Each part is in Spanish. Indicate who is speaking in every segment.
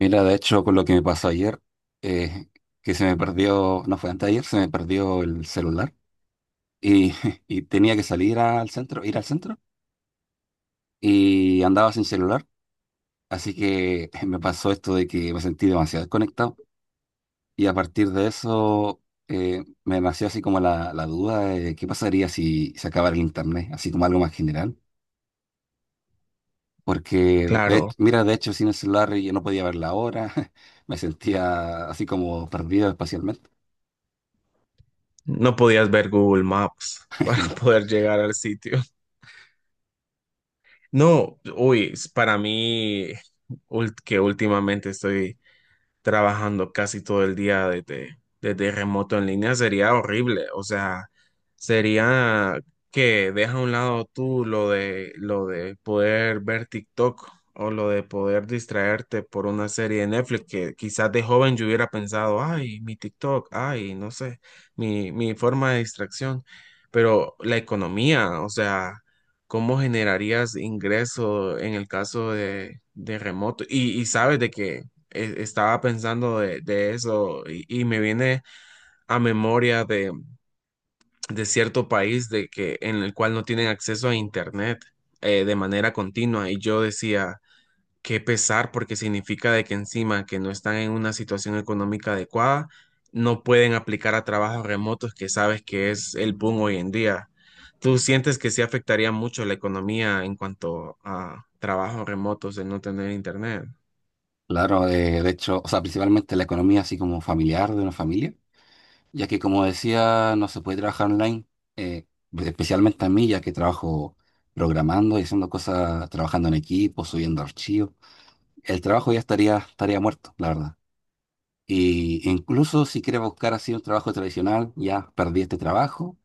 Speaker 1: Mira, de hecho, con lo que me pasó ayer, eh, que se me perdió, no fue antes de ayer, se me perdió el celular y, y tenía que salir al centro, ir al centro y andaba sin celular. Así que me pasó esto de que me sentí demasiado desconectado y a partir de eso me nació así como la duda de qué pasaría si se acabara el internet, así como algo más general. Porque,
Speaker 2: Claro,
Speaker 1: mira, de hecho, sin el celular yo no podía ver la hora, me sentía así como perdido espacialmente.
Speaker 2: no podías ver Google Maps para poder llegar al sitio. No, uy, para mí, que últimamente estoy trabajando casi todo el día desde, desde remoto en línea sería horrible. O sea, sería que deja a un lado tú lo de poder ver TikTok o lo de poder distraerte por una serie de Netflix que quizás de joven yo hubiera pensado, ay, mi TikTok, ay, no sé, mi forma de distracción. Pero la economía, o sea... ¿Cómo generarías ingreso en el caso de remoto? Y sabes de que estaba pensando de eso y me viene a memoria de cierto país de que, en el cual no tienen acceso a internet, de manera continua y yo decía, qué pesar porque significa de que encima que no están en una situación económica adecuada, no pueden aplicar a trabajos remotos que sabes que es el boom hoy en día. ¿Tú sientes que sí afectaría mucho la economía en cuanto a trabajos remotos de no tener internet?
Speaker 1: Claro, de hecho, o sea, principalmente la economía así como familiar de una familia, ya que como decía, no se puede trabajar online, eh, especialmente a mí, ya que trabajo programando y haciendo cosas, trabajando en equipo, subiendo archivos. El trabajo ya estaría muerto, la verdad. Y incluso si quieres buscar así un trabajo tradicional, ya perdí este trabajo.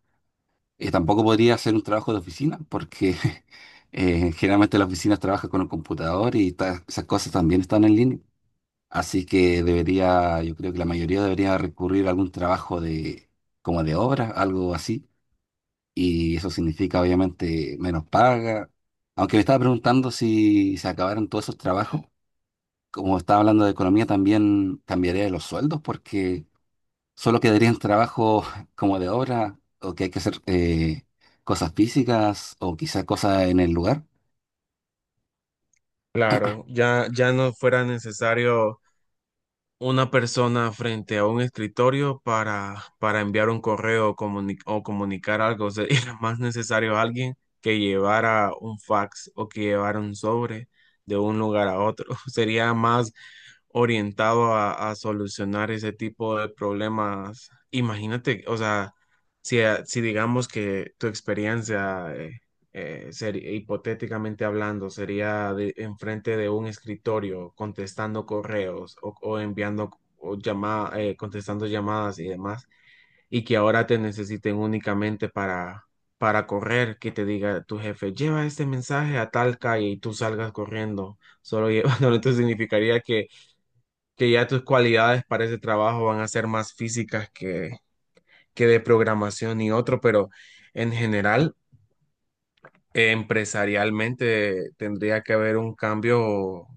Speaker 1: Tampoco podría hacer un trabajo de oficina, porque generalmente las oficinas trabajan con un computador y esas cosas también están en línea. Así que debería, yo creo que la mayoría debería recurrir a algún trabajo de, como de obra, algo así. Y eso significa obviamente menos paga. Aunque me estaba preguntando si se acabaron todos esos trabajos, como estaba hablando de economía, también cambiaría los sueldos porque solo quedarían trabajos como de obra o que hay que hacer cosas físicas o quizás cosas en el lugar.
Speaker 2: Claro, ya, ya no fuera necesario una persona frente a un escritorio para enviar un correo o, o comunicar algo. Sería más necesario alguien que llevara un fax o que llevara un sobre de un lugar a otro. Sería más orientado a solucionar ese tipo de problemas. Imagínate, o sea, si, si digamos que tu experiencia sería, hipotéticamente hablando, sería de, enfrente de un escritorio contestando correos o enviando contestando llamadas y demás, y que ahora te necesiten únicamente para correr, que te diga tu jefe, lleva este mensaje a tal calle y tú salgas corriendo, solo llevándolo, entonces significaría que ya tus cualidades para ese trabajo van a ser más físicas que de programación y otro, pero en general, empresarialmente tendría que haber un cambio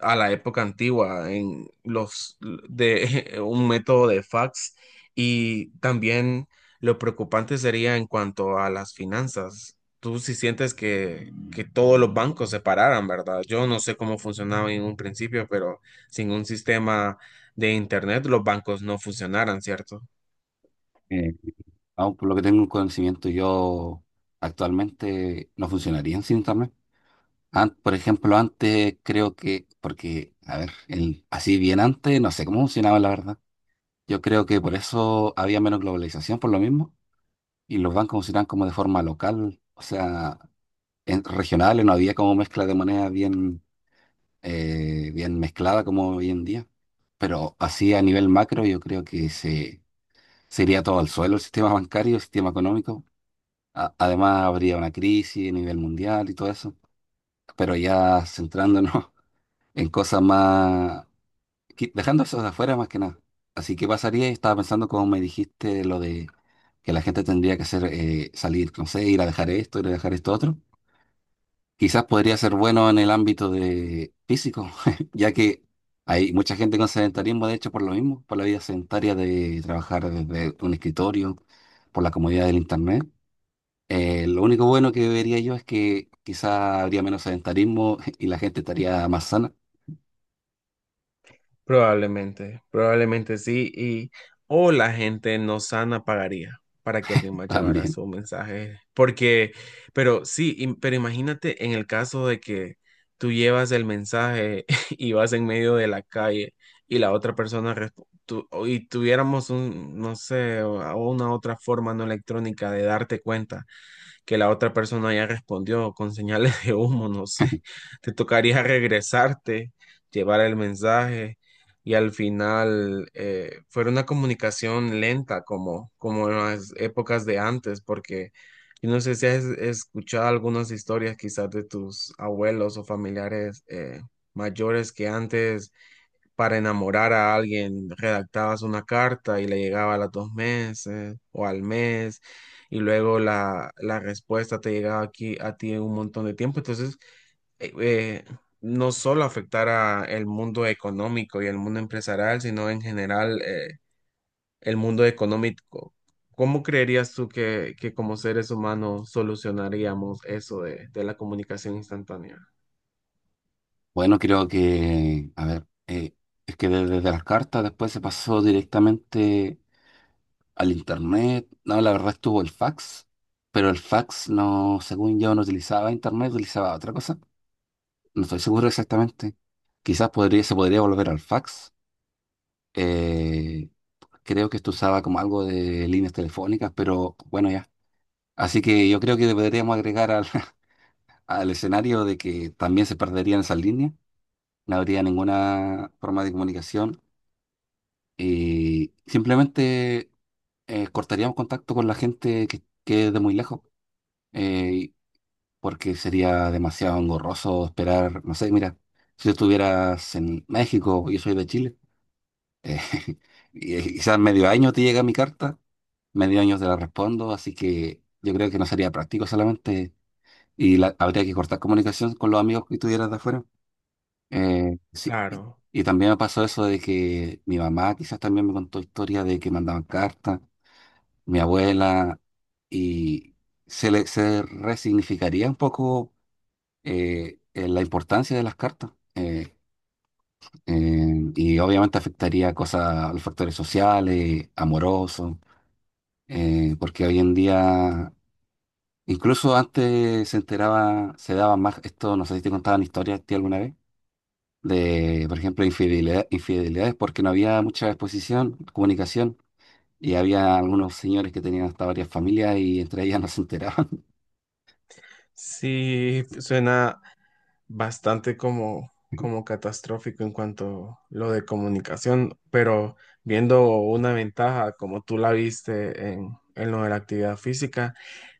Speaker 2: a la época antigua en los de un método de fax y también lo preocupante sería en cuanto a las finanzas. Tú si sientes que todos los bancos se pararan, ¿verdad? Yo no sé cómo funcionaba en un principio, pero sin un sistema de internet los bancos no funcionaran, ¿cierto?
Speaker 1: Eh, aún por lo que tengo un conocimiento, yo actualmente no funcionaría sin internet. Por ejemplo, antes creo que, porque, a ver, así bien antes, no sé cómo funcionaba la verdad. Yo creo que por eso había menos globalización, por lo mismo, y los bancos funcionaban como de forma local, o sea, en, regionales, no había como mezcla de moneda bien, bien mezclada como hoy en día. Pero así a nivel macro, yo creo que se iría todo al suelo el sistema bancario, el sistema económico. Además, habría una crisis a nivel mundial y todo eso. Pero ya centrándonos en cosas más, dejando eso de afuera más que nada. Así que pasaría, y estaba pensando como me dijiste lo de que la gente tendría que hacer salir, no sé, ir a dejar esto, ir a dejar esto otro. Quizás podría ser bueno en el ámbito de físico, ya que hay mucha gente con sedentarismo, de hecho, por lo mismo, por la vida sedentaria de trabajar desde un escritorio, por la comodidad del internet. Lo único bueno que vería yo es que quizás habría menos sedentarismo y la gente estaría más sana
Speaker 2: Probablemente, probablemente sí, y o la gente no sana pagaría para que alguien más llevara
Speaker 1: también.
Speaker 2: su mensaje, porque, pero sí, pero imagínate en el caso de que tú llevas el mensaje y vas en medio de la calle y la otra persona y tuviéramos un, no sé, una otra forma no electrónica de darte cuenta que la otra persona ya respondió con señales de humo, no sé. Te tocaría regresarte, llevar el mensaje y al final fue una comunicación lenta como, como en las épocas de antes, porque yo no sé si has escuchado algunas historias quizás de tus abuelos o familiares mayores que antes para enamorar a alguien, redactabas una carta y le llegaba a los dos meses o al mes, y luego la, la respuesta te llegaba aquí a ti en un montón de tiempo. Entonces, eh, eh, no solo afectara el mundo económico y el mundo empresarial, sino en general, el mundo económico. ¿Cómo creerías tú que como seres humanos solucionaríamos eso de la comunicación instantánea?
Speaker 1: Bueno, creo que, a ver, es que desde las cartas después se pasó directamente al internet. No, la verdad estuvo el fax, pero el fax no, según yo, no utilizaba internet, utilizaba otra cosa. No estoy seguro exactamente. Quizás podría, se podría volver al fax. Eh, creo que esto usaba como algo de líneas telefónicas, pero bueno, ya. Así que yo creo que deberíamos agregar al, al escenario de que también se perderían esas líneas. No habría ninguna forma de comunicación. Y simplemente cortaríamos contacto con la gente que quede de muy lejos, eh, porque sería demasiado engorroso esperar, no sé, mira, si tú estuvieras en México, yo soy de Chile, eh, y quizás medio año te llega mi carta, medio año te la respondo, así que yo creo que no sería práctico solamente, y habría que cortar comunicación con los amigos que tuvieras de afuera. Sí, y
Speaker 2: Claro,
Speaker 1: y también me pasó eso de que mi mamá quizás también me contó historias de que mandaban cartas mi abuela, y se resignificaría un poco la importancia de las cartas. Y obviamente afectaría cosas a los factores sociales, amorosos, porque hoy en día, incluso antes se enteraba, se daba más, esto no sé si te contaban historias a ti alguna vez, de, por ejemplo, infidelidades, porque no había mucha exposición, comunicación. Y había algunos señores que tenían hasta varias familias y entre ellas no se enteraban.
Speaker 2: sí, suena bastante como, como catastrófico en cuanto a lo de comunicación, pero viendo una ventaja como tú la viste en lo de la actividad física,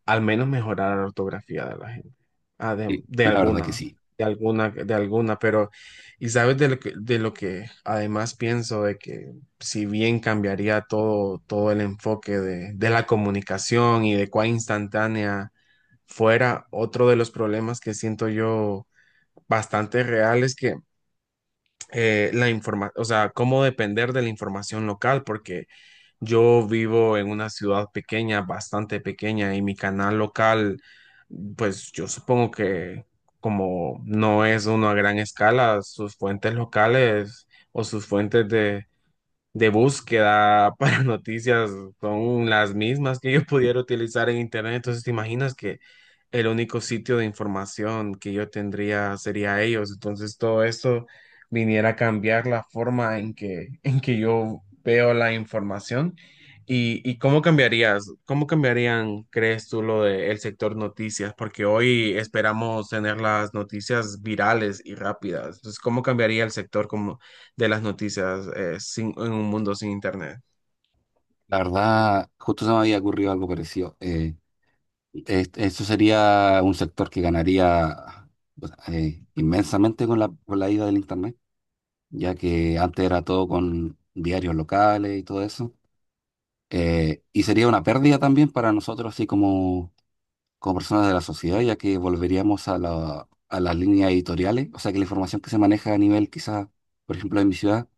Speaker 2: al menos mejorar la ortografía de la gente, ah, de,
Speaker 1: Sí, la verdad que sí.
Speaker 2: de alguna, pero y sabes de lo que además pienso, de que si bien cambiaría todo, todo el enfoque de la comunicación y de cuán instantánea fuera, otro de los problemas que siento yo bastante reales que o sea, cómo depender de la información local, porque yo vivo en una ciudad pequeña, bastante pequeña, y mi canal local, pues yo supongo que como no es uno a gran escala, sus fuentes locales o sus fuentes de búsqueda para noticias son las mismas que yo pudiera utilizar en internet. Entonces, ¿te imaginas que el único sitio de información que yo tendría sería ellos? Entonces, todo esto viniera a cambiar la forma en que, en que yo veo la información. Y cómo cambiarías? ¿Cómo cambiarían, crees tú, lo del sector noticias? Porque hoy esperamos tener las noticias virales y rápidas. Entonces, ¿cómo cambiaría el sector, cómo de las noticias en un mundo sin internet?
Speaker 1: La verdad, justo se me había ocurrido algo parecido. Eso sería un sector que ganaría, o sea, inmensamente con la ida del Internet, ya que antes era todo con diarios locales y todo eso. Y sería una pérdida también para nosotros, así como, como personas de la sociedad, ya que volveríamos a a las líneas editoriales. O sea, que la información que se maneja a nivel, quizás, por ejemplo, en mi ciudad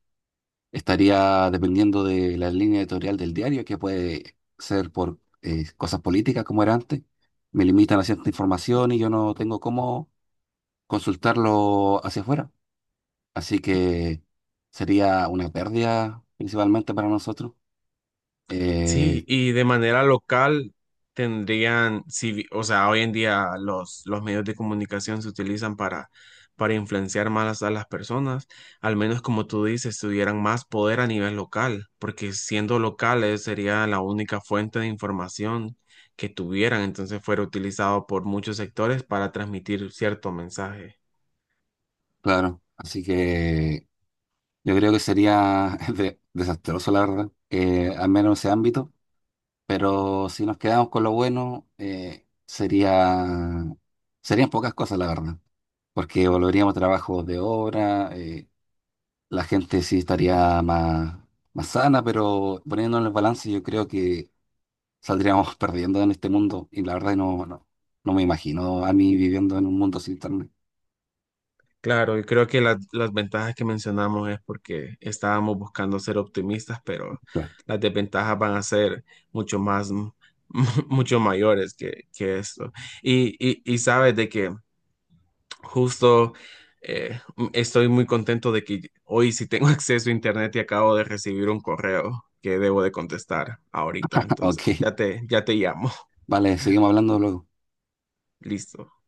Speaker 1: estaría dependiendo de la línea editorial del diario, que puede ser por cosas políticas como era antes. Me limitan a cierta información y yo no tengo cómo consultarlo hacia afuera. Así que sería una pérdida principalmente para nosotros. Eh,
Speaker 2: Sí, y de manera local tendrían, si vi- o sea, hoy en día los medios de comunicación se utilizan para influenciar más a las personas, al menos como tú dices, tuvieran más poder a nivel local, porque siendo locales sería la única fuente de información que tuvieran, entonces fuera utilizado por muchos sectores para transmitir cierto mensaje.
Speaker 1: claro, así que yo creo que sería desastroso, la verdad, al menos en ese ámbito. Pero si nos quedamos con lo bueno, serían pocas cosas, la verdad. Porque volveríamos a trabajos de obra, la gente sí estaría más, más sana, pero poniendo en el balance yo creo que saldríamos perdiendo en este mundo y la verdad no, no, no me imagino a mí viviendo en un mundo sin internet.
Speaker 2: Claro, y creo que las ventajas que mencionamos es porque estábamos buscando ser optimistas, pero
Speaker 1: Claro.
Speaker 2: las desventajas van a ser mucho más, mucho mayores que esto. Y sabes de que justo estoy muy contento de que hoy sí tengo acceso a internet y acabo de recibir un correo que debo de contestar ahorita. Entonces,
Speaker 1: Ok,
Speaker 2: ya te llamo.
Speaker 1: vale, seguimos hablando luego.
Speaker 2: Listo.